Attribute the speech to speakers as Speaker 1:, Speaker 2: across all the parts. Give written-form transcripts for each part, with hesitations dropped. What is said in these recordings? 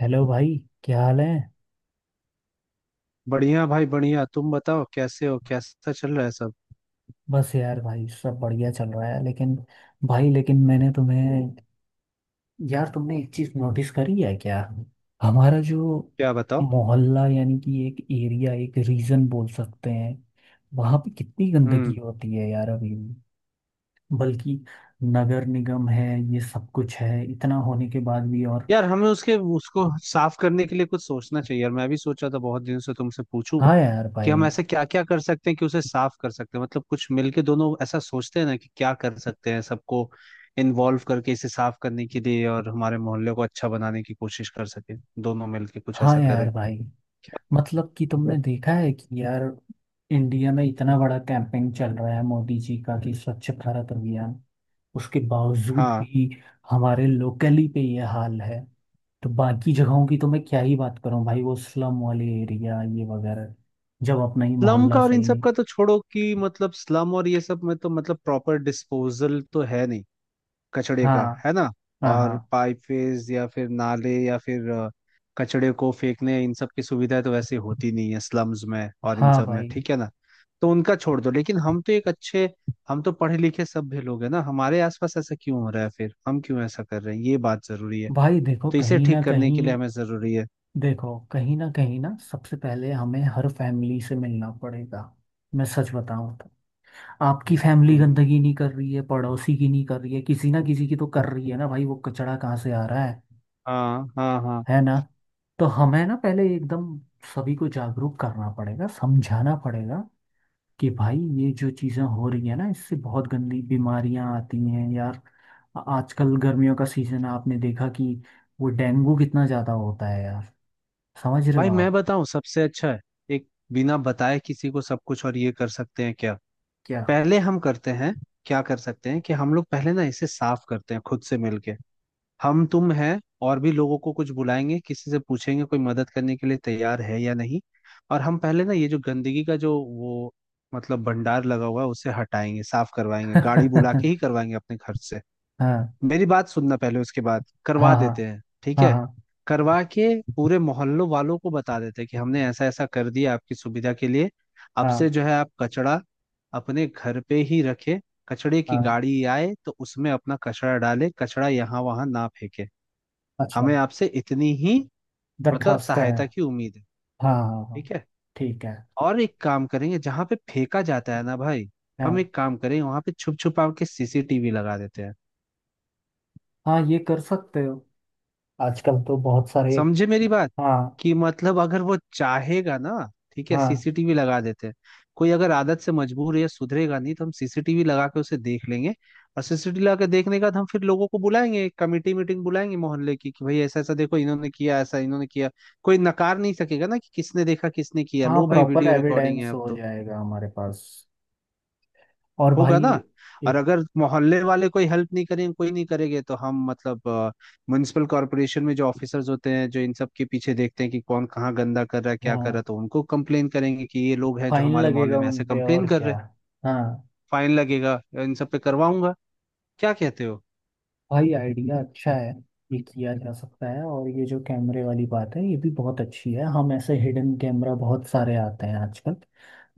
Speaker 1: Hello भाई। क्या हाल है।
Speaker 2: बढ़िया भाई बढ़िया। तुम बताओ कैसे हो, कैसा चल रहा है सब।
Speaker 1: बस यार भाई सब बढ़िया चल रहा है लेकिन भाई लेकिन मैंने तुम्हें यार तुमने एक चीज नोटिस करी है क्या। हमारा जो
Speaker 2: क्या बताओ।
Speaker 1: मोहल्ला यानी कि एक एरिया एक रीजन बोल सकते हैं वहां पे कितनी गंदगी
Speaker 2: हम्म।
Speaker 1: होती है यार अभी भी। बल्कि नगर निगम है ये सब कुछ है इतना होने के बाद भी और।
Speaker 2: यार हमें उसके उसको साफ करने के लिए कुछ सोचना चाहिए यार, मैं भी सोचा था बहुत दिन से तुमसे पूछूं
Speaker 1: हाँ यार
Speaker 2: कि हम
Speaker 1: भाई।
Speaker 2: ऐसे क्या क्या कर सकते हैं कि उसे साफ कर सकते हैं। मतलब कुछ मिलके दोनों ऐसा सोचते हैं ना कि क्या कर सकते हैं, सबको इन्वॉल्व करके इसे साफ करने के लिए और हमारे मोहल्ले को अच्छा बनाने की कोशिश कर सके। दोनों मिलके कुछ
Speaker 1: हाँ
Speaker 2: ऐसा
Speaker 1: यार
Speaker 2: करें।
Speaker 1: भाई। मतलब कि तुमने देखा है कि यार इंडिया में इतना बड़ा कैंपेन चल रहा है मोदी जी का कि स्वच्छ भारत अभियान उसके बावजूद
Speaker 2: हाँ।
Speaker 1: भी हमारे लोकली पे ये हाल है। तो बाकी जगहों की तो मैं क्या ही बात करूं भाई वो स्लम वाले एरिया ये वगैरह जब अपना ही
Speaker 2: स्लम
Speaker 1: मोहल्ला
Speaker 2: का और इन
Speaker 1: सही
Speaker 2: सब
Speaker 1: नहीं।
Speaker 2: का तो छोड़ो कि मतलब स्लम और ये सब में तो मतलब प्रॉपर डिस्पोजल तो है नहीं कचड़े का,
Speaker 1: हाँ
Speaker 2: है ना।
Speaker 1: हाँ
Speaker 2: और
Speaker 1: हाँ
Speaker 2: पाइपवेज या फिर नाले या फिर कचड़े को फेंकने इन सब की सुविधा तो वैसे होती नहीं है स्लम्स में और इन
Speaker 1: हाँ
Speaker 2: सब में,
Speaker 1: भाई।
Speaker 2: ठीक है ना। तो उनका छोड़ दो, लेकिन हम तो एक अच्छे, हम तो पढ़े लिखे सभ्य लोग हैं ना। हमारे आसपास ऐसा क्यों हो रहा है, फिर हम क्यों ऐसा कर रहे हैं, ये बात जरूरी है।
Speaker 1: भाई देखो
Speaker 2: तो इसे
Speaker 1: कहीं ना
Speaker 2: ठीक करने के लिए
Speaker 1: कहीं।
Speaker 2: हमें जरूरी है।
Speaker 1: देखो कहीं ना सबसे पहले हमें हर फैमिली से मिलना पड़ेगा। मैं सच बताऊं तो। आपकी फैमिली
Speaker 2: हम्म,
Speaker 1: गंदगी नहीं कर रही है, पड़ोसी की नहीं कर रही है, किसी ना किसी की तो कर रही है ना भाई, वो कचड़ा कहाँ से आ रहा है।
Speaker 2: हाँ हाँ हाँ।
Speaker 1: है ना। तो हमें ना पहले एकदम सभी को जागरूक करना पड़ेगा, समझाना पड़ेगा कि भाई ये जो चीज़ें हो रही है ना इससे बहुत गंदी बीमारियां आती हैं यार। आजकल गर्मियों का सीजन है आपने देखा कि वो डेंगू कितना ज़्यादा होता है यार। समझ रहे हो
Speaker 2: भाई मैं
Speaker 1: आप।
Speaker 2: बताऊं सबसे अच्छा है, एक, बिना बताए किसी को सब कुछ, और ये कर सकते हैं क्या?
Speaker 1: क्या।
Speaker 2: पहले हम करते हैं। क्या कर सकते हैं कि हम लोग पहले ना इसे साफ करते हैं खुद से मिलके। हम तुम है और भी लोगों को कुछ बुलाएंगे, किसी से पूछेंगे कोई मदद करने के लिए तैयार है या नहीं। और हम पहले ना ये जो गंदगी का जो वो, मतलब भंडार लगा हुआ है, उसे हटाएंगे, साफ करवाएंगे, गाड़ी बुला के ही करवाएंगे अपने खर्च से।
Speaker 1: हाँ
Speaker 2: मेरी बात सुनना पहले, उसके बाद
Speaker 1: हाँ
Speaker 2: करवा
Speaker 1: हाँ
Speaker 2: देते हैं ठीक
Speaker 1: हाँ
Speaker 2: है।
Speaker 1: हाँ
Speaker 2: करवा के पूरे मोहल्लों वालों को बता देते हैं कि हमने ऐसा ऐसा कर दिया आपकी सुविधा के लिए। अब से
Speaker 1: हाँ
Speaker 2: जो है आप कचड़ा अपने घर पे ही रखे। कचड़े की
Speaker 1: हाँ।
Speaker 2: गाड़ी आए तो उसमें अपना कचड़ा डाले, कचड़ा यहाँ वहां ना फेंके। हमें
Speaker 1: अच्छा।
Speaker 2: आपसे इतनी ही मतलब
Speaker 1: दरखास्त है।
Speaker 2: सहायता की उम्मीद है।
Speaker 1: हाँ हाँ हाँ।
Speaker 2: ठीक है।
Speaker 1: ठीक है।
Speaker 2: और एक काम करेंगे, जहाँ पे फेंका जाता है ना भाई, हम
Speaker 1: हाँ।
Speaker 2: एक काम करेंगे वहां पे छुप छुपा के सीसीटीवी लगा देते हैं।
Speaker 1: हाँ ये कर सकते हो। आजकल तो बहुत सारे।
Speaker 2: समझे मेरी बात।
Speaker 1: हाँ।
Speaker 2: कि मतलब अगर वो चाहेगा ना, ठीक है
Speaker 1: हाँ
Speaker 2: सीसीटीवी लगा देते हैं। कोई अगर आदत से मजबूर है, सुधरेगा नहीं तो हम सीसीटीवी लगा के उसे देख लेंगे। और सीसीटीवी लगा के देखने के बाद हम फिर लोगों को बुलाएंगे, एक कमेटी मीटिंग बुलाएंगे मोहल्ले की, कि भाई ऐसा ऐसा देखो, इन्होंने किया ऐसा, इन्होंने किया। कोई नकार नहीं सकेगा ना कि किसने देखा किसने किया।
Speaker 1: हाँ।
Speaker 2: लो भाई
Speaker 1: प्रॉपर
Speaker 2: वीडियो रिकॉर्डिंग
Speaker 1: एविडेंस
Speaker 2: है अब
Speaker 1: हो
Speaker 2: तो।
Speaker 1: जाएगा हमारे पास। और
Speaker 2: होगा
Speaker 1: भाई
Speaker 2: ना। और
Speaker 1: एक।
Speaker 2: अगर मोहल्ले वाले कोई हेल्प नहीं करेंगे, कोई नहीं करेंगे तो हम मतलब म्युनिसिपल कॉरपोरेशन में जो ऑफिसर्स होते हैं, जो इन सब के पीछे देखते हैं कि कौन कहाँ गंदा कर रहा है क्या कर रहा
Speaker 1: हाँ।
Speaker 2: है, तो उनको कंप्लेन करेंगे कि ये लोग हैं जो
Speaker 1: फाइन
Speaker 2: हमारे मोहल्ले
Speaker 1: लगेगा
Speaker 2: में
Speaker 1: उन
Speaker 2: ऐसे
Speaker 1: पे और
Speaker 2: कंप्लेन कर रहे
Speaker 1: क्या।
Speaker 2: हैं।
Speaker 1: हाँ।
Speaker 2: फाइन लगेगा। इन सब पे करवाऊंगा। क्या कहते हो।
Speaker 1: भाई आइडिया अच्छा है। ये किया जा सकता है और ये जो कैमरे वाली बात है ये भी बहुत अच्छी है हम ऐसे हिडन कैमरा बहुत सारे आते हैं आजकल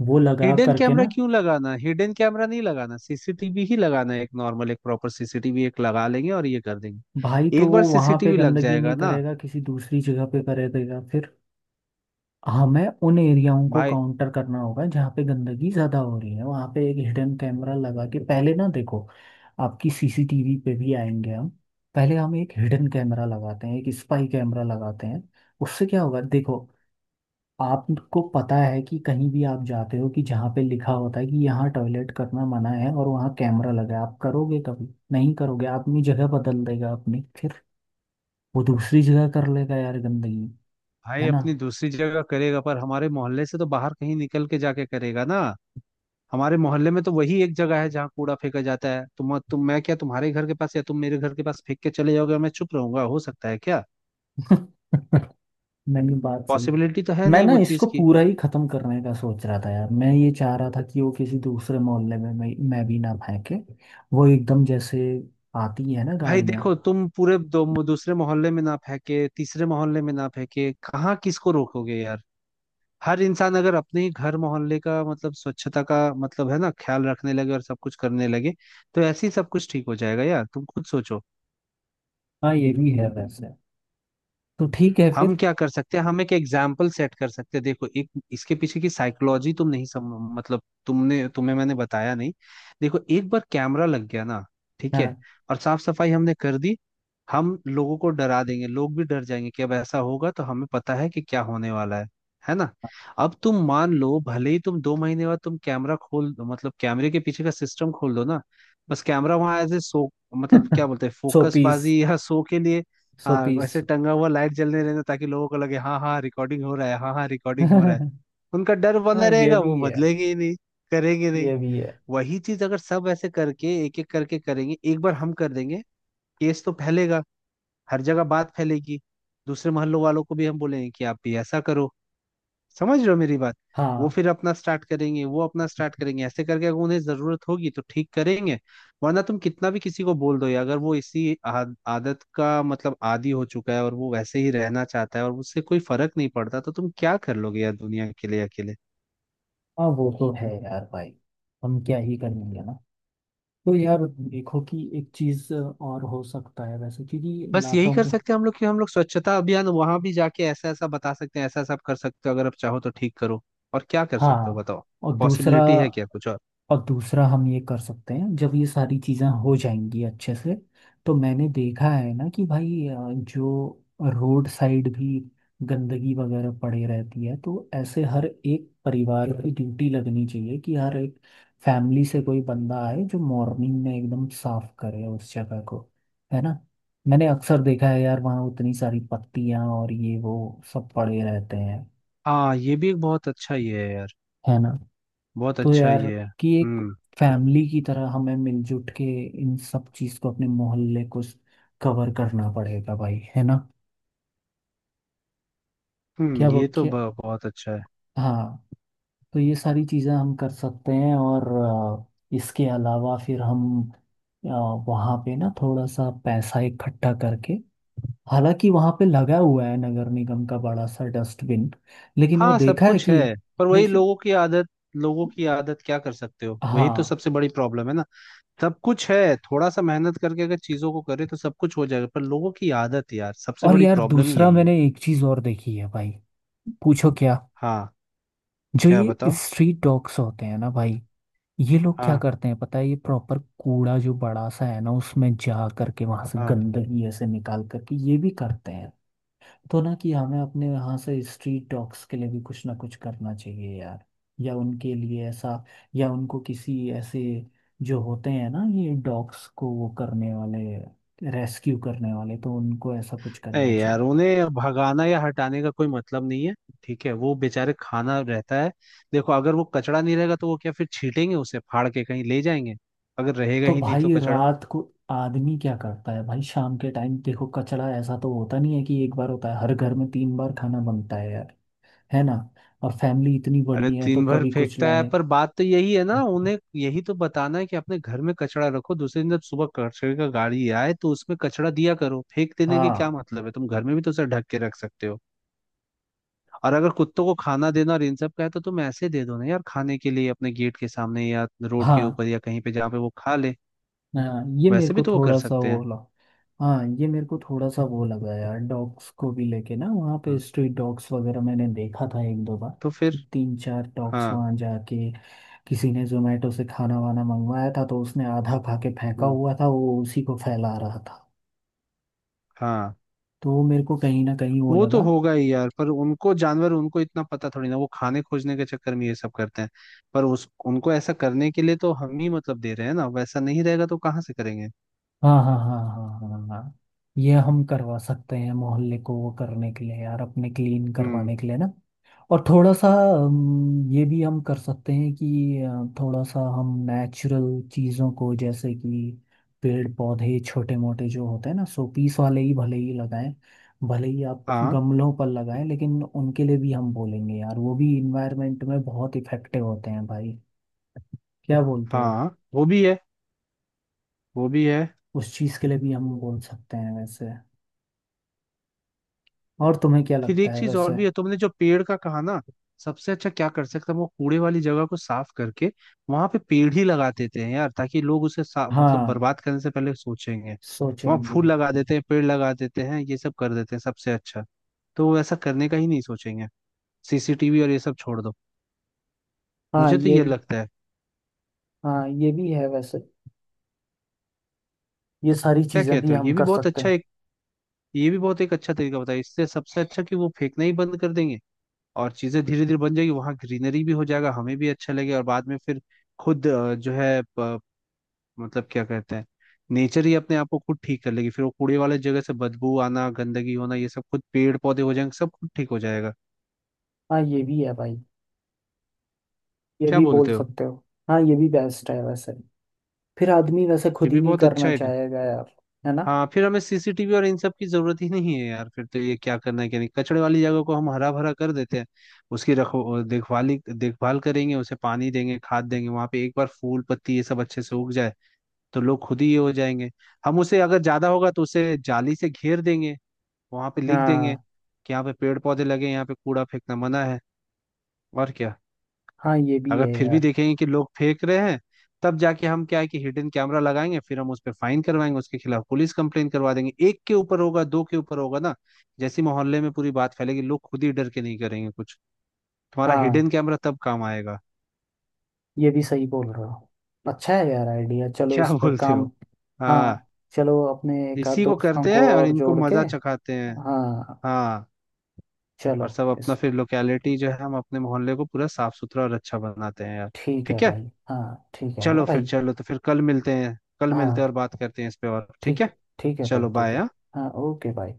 Speaker 1: वो लगा
Speaker 2: हिडन
Speaker 1: करके
Speaker 2: कैमरा
Speaker 1: ना।
Speaker 2: क्यों लगाना, हिडन कैमरा नहीं लगाना, सीसीटीवी ही लगाना है। एक नॉर्मल एक प्रॉपर सीसीटीवी एक लगा लेंगे और ये कर
Speaker 1: भाई
Speaker 2: देंगे,
Speaker 1: तो
Speaker 2: एक बार
Speaker 1: वो वहां पे
Speaker 2: सीसीटीवी लग
Speaker 1: गंदगी
Speaker 2: जाएगा
Speaker 1: नहीं
Speaker 2: ना
Speaker 1: करेगा किसी दूसरी जगह पे करेगा फिर। हमें उन एरियाओं को
Speaker 2: भाई।
Speaker 1: काउंटर करना होगा जहाँ पे गंदगी ज़्यादा हो रही है वहाँ पे एक हिडन कैमरा लगा के पहले ना देखो। आपकी सीसीटीवी पे भी आएंगे हम। पहले हम एक हिडन कैमरा लगाते हैं, एक स्पाई कैमरा लगाते हैं। उससे क्या होगा देखो। आपको पता है कि कहीं भी आप जाते हो कि जहाँ पे लिखा होता है कि यहाँ टॉयलेट करना मना है और वहाँ कैमरा लगा है आप करोगे, कभी नहीं करोगे। आदमी जगह बदल देगा अपनी फिर। वो दूसरी जगह कर लेगा यार गंदगी।
Speaker 2: भाई
Speaker 1: है ना।
Speaker 2: अपनी दूसरी जगह करेगा पर हमारे मोहल्ले से तो बाहर कहीं निकल के जाके करेगा ना। हमारे मोहल्ले में तो वही एक जगह है जहाँ कूड़ा फेंका जाता है। तुम मैं क्या तुम्हारे घर के पास या तुम मेरे घर के पास फेंक के चले जाओगे और मैं चुप रहूंगा, हो सकता है क्या?
Speaker 1: नहीं नहीं, बात सही।
Speaker 2: पॉसिबिलिटी तो है
Speaker 1: मैं
Speaker 2: नहीं
Speaker 1: ना
Speaker 2: वो चीज
Speaker 1: इसको
Speaker 2: की।
Speaker 1: पूरा ही खत्म करने का सोच रहा था यार। मैं ये चाह रहा था कि वो किसी दूसरे मोहल्ले में मैं भी ना फेंके। वो एकदम जैसे आती है ना
Speaker 2: भाई
Speaker 1: गाड़ियां।
Speaker 2: देखो तुम पूरे दो दूसरे मोहल्ले में ना फेंके, तीसरे मोहल्ले में ना फेंके, कहाँ किसको रोकोगे यार। हर इंसान अगर अपने ही घर मोहल्ले का मतलब स्वच्छता का मतलब है ना ख्याल रखने लगे और सब कुछ करने लगे, तो ऐसे ही सब कुछ ठीक हो जाएगा यार। तुम खुद सोचो
Speaker 1: हाँ ये भी है वैसे। तो ठीक है
Speaker 2: हम
Speaker 1: फिर।
Speaker 2: क्या कर सकते हैं। हम एक एग्जाम्पल सेट कर सकते हैं। देखो एक इसके पीछे की साइकोलॉजी तुम नहीं सम, मतलब तुमने तुम्हें मैंने बताया नहीं। देखो एक बार कैमरा लग गया ना, ठीक है,
Speaker 1: हाँ
Speaker 2: और साफ सफाई हमने कर दी, हम लोगों को डरा देंगे, लोग भी डर जाएंगे कि अब ऐसा होगा तो हमें पता है कि क्या होने वाला है ना। अब तुम मान लो भले ही तुम दो महीने बाद तुम कैमरा खोल दो, मतलब कैमरे के पीछे का सिस्टम खोल दो ना, बस कैमरा वहां एज ए सो, मतलब क्या बोलते हैं
Speaker 1: सौ
Speaker 2: फोकस
Speaker 1: पीस
Speaker 2: बाजी या सो के लिए।
Speaker 1: सौ
Speaker 2: हाँ
Speaker 1: पीस।
Speaker 2: वैसे टंगा हुआ लाइट जलने रहना ताकि लोगों को लगे हाँ हाँ रिकॉर्डिंग हो रहा है, हाँ हाँ रिकॉर्डिंग हो रहा है।
Speaker 1: हाँ।
Speaker 2: उनका डर बना
Speaker 1: ये
Speaker 2: रहेगा,
Speaker 1: भी
Speaker 2: वो
Speaker 1: है।
Speaker 2: बदलेंगे ही नहीं। करेंगे नहीं।
Speaker 1: ये भी है।
Speaker 2: वही चीज अगर सब ऐसे करके एक एक करके करेंगे, एक बार हम कर देंगे, केस तो फैलेगा, हर जगह बात फैलेगी। दूसरे मोहल्लों वालों को भी हम बोलेंगे कि आप भी ऐसा करो। समझ रहे हो मेरी बात। वो
Speaker 1: हाँ
Speaker 2: फिर अपना स्टार्ट करेंगे, वो अपना स्टार्ट करेंगे, ऐसे करके अगर उन्हें जरूरत होगी तो ठीक करेंगे। वरना तुम कितना भी किसी को बोल दो ये, अगर वो इसी आदत का मतलब आदी हो चुका है और वो वैसे ही रहना चाहता है और उससे कोई फर्क नहीं पड़ता, तो तुम क्या कर लोगे यार दुनिया के लिए अकेले।
Speaker 1: हाँ। वो तो है यार भाई। हम क्या ही करेंगे ना। तो यार देखो कि एक चीज और हो सकता है वैसे क्योंकि
Speaker 2: बस यही
Speaker 1: लातों
Speaker 2: कर
Speaker 1: के।
Speaker 2: सकते हैं हम लोग कि हम लोग स्वच्छता अभियान वहां भी जाके ऐसा ऐसा बता सकते हैं, ऐसा ऐसा आप कर सकते हो, अगर आप चाहो तो ठीक करो। और क्या कर सकते हो
Speaker 1: हाँ।
Speaker 2: बताओ,
Speaker 1: और दूसरा।
Speaker 2: पॉसिबिलिटी है क्या कुछ और।
Speaker 1: और दूसरा हम ये कर सकते हैं जब ये सारी चीज़ें हो जाएंगी अच्छे से तो मैंने देखा है ना कि भाई जो रोड साइड भी गंदगी वगैरह पड़ी रहती है तो ऐसे हर एक परिवार की ड्यूटी लगनी चाहिए कि हर एक फैमिली से कोई बंदा आए जो मॉर्निंग में एकदम साफ करे उस जगह को। है ना। मैंने अक्सर देखा है यार वहाँ उतनी सारी पत्तियाँ और ये वो सब पड़े रहते हैं।
Speaker 2: हाँ ये भी एक बहुत अच्छा ये है यार।
Speaker 1: है ना।
Speaker 2: बहुत
Speaker 1: तो
Speaker 2: अच्छा
Speaker 1: यार
Speaker 2: ये है।
Speaker 1: कि एक
Speaker 2: हम्म।
Speaker 1: फैमिली की तरह हमें मिलजुल के इन सब चीज को अपने मोहल्ले को कवर करना पड़ेगा भाई। है ना। क्या
Speaker 2: हम्म,
Speaker 1: वो
Speaker 2: ये तो
Speaker 1: क्या।
Speaker 2: ब- बहुत अच्छा है।
Speaker 1: हाँ। तो ये सारी चीजें हम कर सकते हैं और इसके अलावा फिर हम अ, वहाँ पे ना थोड़ा सा पैसा इकट्ठा करके, हालांकि वहाँ पे लगा हुआ है नगर निगम का बड़ा सा डस्टबिन लेकिन वो
Speaker 2: हाँ सब
Speaker 1: देखा है
Speaker 2: कुछ है,
Speaker 1: कि
Speaker 2: पर वही
Speaker 1: लेकिन।
Speaker 2: लोगों की आदत। लोगों की आदत क्या कर सकते हो, वही तो
Speaker 1: हाँ।
Speaker 2: सबसे बड़ी प्रॉब्लम है ना। सब कुछ है, थोड़ा सा मेहनत करके अगर चीजों को करे तो सब कुछ हो जाएगा, पर लोगों की आदत यार सबसे
Speaker 1: और
Speaker 2: बड़ी
Speaker 1: यार
Speaker 2: प्रॉब्लम ही
Speaker 1: दूसरा
Speaker 2: यही है।
Speaker 1: मैंने एक चीज और देखी है भाई। पूछो क्या।
Speaker 2: हाँ।
Speaker 1: जो
Speaker 2: क्या
Speaker 1: ये
Speaker 2: बताओ।
Speaker 1: स्ट्रीट डॉग्स होते हैं ना भाई। ये लोग क्या
Speaker 2: हाँ।
Speaker 1: करते हैं पता है ये प्रॉपर कूड़ा जो बड़ा सा है ना उसमें जा करके वहां से
Speaker 2: हाँ।
Speaker 1: गंदगी ऐसे निकाल करके ये भी करते हैं। तो ना कि हमें अपने यहाँ से स्ट्रीट डॉग्स के लिए भी कुछ ना कुछ करना चाहिए यार। या उनके लिए ऐसा, या उनको किसी ऐसे जो होते हैं ना ये डॉग्स को वो करने वाले, रेस्क्यू करने वाले तो उनको ऐसा कुछ करना
Speaker 2: नहीं यार
Speaker 1: चाहिए।
Speaker 2: उन्हें भगाना या हटाने का कोई मतलब नहीं है। ठीक है वो बेचारे खाना रहता है। देखो अगर वो कचड़ा नहीं रहेगा तो वो क्या फिर छीटेंगे, उसे फाड़ के कहीं ले जाएंगे, अगर रहेगा
Speaker 1: तो
Speaker 2: ही नहीं तो
Speaker 1: भाई
Speaker 2: कचड़ा।
Speaker 1: रात को आदमी क्या करता है भाई शाम के टाइम देखो कचरा ऐसा तो होता नहीं है कि एक बार होता है, हर घर में 3 बार खाना बनता है यार। है ना। और फैमिली इतनी
Speaker 2: अरे
Speaker 1: बड़ी है तो
Speaker 2: दिन भर
Speaker 1: कभी कुछ
Speaker 2: फेंकता है,
Speaker 1: लाए।
Speaker 2: पर बात तो यही है ना, उन्हें यही तो बताना है कि अपने घर में कचरा रखो, दूसरे दिन जब सुबह कचरे का गाड़ी आए तो उसमें कचरा दिया करो, फेंक देने की क्या
Speaker 1: हाँ
Speaker 2: मतलब है, तुम घर में भी तो उसे ढक के रख सकते हो। और अगर कुत्तों को खाना देना और इन सब का है तो तुम ऐसे दे दो ना यार खाने के लिए अपने गेट के सामने या रोड के
Speaker 1: हाँ
Speaker 2: ऊपर या कहीं पे जहाँ पे वो खा ले।
Speaker 1: हाँ। ये मेरे
Speaker 2: वैसे
Speaker 1: को
Speaker 2: भी तो वो कर
Speaker 1: थोड़ा सा
Speaker 2: सकते
Speaker 1: वो
Speaker 2: हैं।
Speaker 1: लगा। हाँ ये मेरे को थोड़ा सा वो लगा यार, डॉग्स को भी लेके ना वहाँ पे
Speaker 2: हम्म,
Speaker 1: स्ट्रीट डॉग्स वगैरह मैंने देखा था एक दो बार
Speaker 2: तो फिर।
Speaker 1: कि तीन चार डॉग्स
Speaker 2: हाँ।
Speaker 1: वहाँ जाके किसी ने जोमेटो से खाना वाना मंगवाया था तो उसने आधा खा के फेंका
Speaker 2: हम्म,
Speaker 1: हुआ था वो उसी को फैला रहा था।
Speaker 2: हाँ
Speaker 1: तो वो मेरे को कहीं ना कहीं वो
Speaker 2: वो तो
Speaker 1: लगा।
Speaker 2: होगा ही यार, पर उनको जानवर उनको इतना पता थोड़ी ना, वो खाने खोजने के चक्कर में ये सब करते हैं। पर उस उनको ऐसा करने के लिए तो हम ही मतलब दे रहे हैं ना, वैसा नहीं रहेगा तो कहाँ से करेंगे।
Speaker 1: हाँ हाँ हाँ हाँ हाँ हाँ। ये हम करवा सकते हैं मोहल्ले को वो करने के लिए यार, अपने क्लीन
Speaker 2: हम्म।
Speaker 1: करवाने के लिए ना। और थोड़ा सा ये भी हम कर सकते हैं कि थोड़ा सा हम नेचुरल चीज़ों को जैसे कि पेड़ पौधे छोटे मोटे जो होते हैं ना शोपीस वाले ही भले ही लगाएं, भले ही आप
Speaker 2: हाँ।
Speaker 1: गमलों पर लगाएं, लेकिन उनके लिए भी हम बोलेंगे यार वो भी इन्वायरमेंट में बहुत इफेक्टिव होते हैं भाई। क्या बोलते हो।
Speaker 2: हाँ वो भी है। वो भी है।
Speaker 1: उस चीज़ के लिए भी हम बोल सकते हैं वैसे। और तुम्हें क्या
Speaker 2: फिर
Speaker 1: लगता
Speaker 2: एक
Speaker 1: है
Speaker 2: चीज और
Speaker 1: वैसे।
Speaker 2: भी है, तुमने जो पेड़ का कहा ना। सबसे अच्छा क्या कर सकते हैं, वो कूड़े वाली जगह को साफ करके वहां पे पेड़ ही लगा देते हैं यार, ताकि लोग मतलब
Speaker 1: हाँ
Speaker 2: बर्बाद करने से पहले सोचेंगे। वहां
Speaker 1: सोचेंगे।
Speaker 2: फूल लगा देते हैं, पेड़ लगा देते हैं, ये सब कर देते हैं सबसे अच्छा, तो वो ऐसा करने का ही नहीं सोचेंगे। सीसीटीवी और ये सब छोड़ दो,
Speaker 1: हाँ
Speaker 2: मुझे तो
Speaker 1: ये
Speaker 2: ये
Speaker 1: भी।
Speaker 2: लगता है।
Speaker 1: हाँ ये भी है वैसे। ये सारी
Speaker 2: क्या
Speaker 1: चीजें भी
Speaker 2: कहते हो,
Speaker 1: हम
Speaker 2: ये भी
Speaker 1: कर
Speaker 2: बहुत
Speaker 1: सकते
Speaker 2: अच्छा
Speaker 1: हैं।
Speaker 2: एक, ये भी बहुत एक अच्छा तरीका बताया, इससे सबसे अच्छा कि वो फेंकना ही बंद कर देंगे। और चीजें धीरे धीरे बन जाएगी, वहां ग्रीनरी भी हो जाएगा, हमें भी अच्छा लगेगा। और बाद में फिर खुद जो है मतलब क्या कहते हैं, नेचर ही अपने आप को खुद ठीक कर लेगी फिर। वो कूड़े वाले जगह से बदबू आना गंदगी होना ये सब खुद पेड़ पौधे हो जाएंगे, सब खुद ठीक हो जाएगा।
Speaker 1: हाँ ये भी है भाई। ये
Speaker 2: क्या
Speaker 1: भी बोल
Speaker 2: बोलते हो,
Speaker 1: सकते हो। हाँ ये भी बेस्ट है वैसे। फिर आदमी वैसे
Speaker 2: ये
Speaker 1: खुद ही
Speaker 2: भी
Speaker 1: नहीं
Speaker 2: बहुत अच्छा
Speaker 1: करना
Speaker 2: है।
Speaker 1: चाहेगा यार। है ना।
Speaker 2: हाँ फिर हमें सीसीटीवी और इन सब की जरूरत ही नहीं है यार। फिर तो ये क्या करना है क्या नहीं, कचड़े वाली जगह को हम हरा भरा कर देते हैं, उसकी रखो देखभाली, देखभाल करेंगे, उसे पानी देंगे, खाद देंगे। वहां पे एक बार फूल पत्ती ये सब अच्छे से उग जाए तो लोग खुद ही ये हो जाएंगे। हम उसे अगर ज्यादा होगा तो उसे जाली से घेर देंगे, वहां पे लिख देंगे
Speaker 1: हाँ
Speaker 2: कि यहाँ पे पेड़ पौधे लगे, यहाँ पे कूड़ा फेंकना मना है। और क्या।
Speaker 1: हाँ ये भी
Speaker 2: अगर
Speaker 1: है
Speaker 2: फिर भी
Speaker 1: यार।
Speaker 2: देखेंगे कि लोग फेंक रहे हैं, तब जाके हम क्या है कि हिडन कैमरा लगाएंगे, फिर हम उस पर फाइन करवाएंगे, उसके खिलाफ पुलिस कंप्लेन करवा देंगे। एक के ऊपर होगा, दो के ऊपर होगा ना, जैसी मोहल्ले में पूरी बात फैलेगी, लोग खुद ही डर के नहीं करेंगे कुछ। तुम्हारा
Speaker 1: हाँ
Speaker 2: हिडन कैमरा तब काम आएगा।
Speaker 1: ये भी सही बोल रहे हो। अच्छा है यार आइडिया। चलो
Speaker 2: क्या
Speaker 1: इस पे
Speaker 2: बोलते
Speaker 1: काम।
Speaker 2: हो। हाँ।
Speaker 1: हाँ चलो अपने एक आध
Speaker 2: इसी को
Speaker 1: दोस्तों
Speaker 2: करते
Speaker 1: को
Speaker 2: हैं और
Speaker 1: और
Speaker 2: इनको
Speaker 1: जोड़ के।
Speaker 2: मजा चखाते हैं।
Speaker 1: हाँ।
Speaker 2: हाँ।
Speaker 1: चलो।
Speaker 2: और सब अपना
Speaker 1: इस
Speaker 2: फिर लोकेलिटी जो है, हम अपने मोहल्ले को पूरा साफ सुथरा और अच्छा बनाते हैं यार।
Speaker 1: ठीक है
Speaker 2: ठीक है।
Speaker 1: भाई। हाँ ठीक है ना
Speaker 2: चलो फिर,
Speaker 1: भाई।
Speaker 2: चलो तो फिर कल मिलते हैं, कल मिलते हैं
Speaker 1: हाँ
Speaker 2: और बात करते हैं इस पे, और ठीक
Speaker 1: ठीक
Speaker 2: है।
Speaker 1: है। ठीक है भाई
Speaker 2: चलो
Speaker 1: ठीक है।
Speaker 2: बाय।
Speaker 1: हाँ ओके भाई।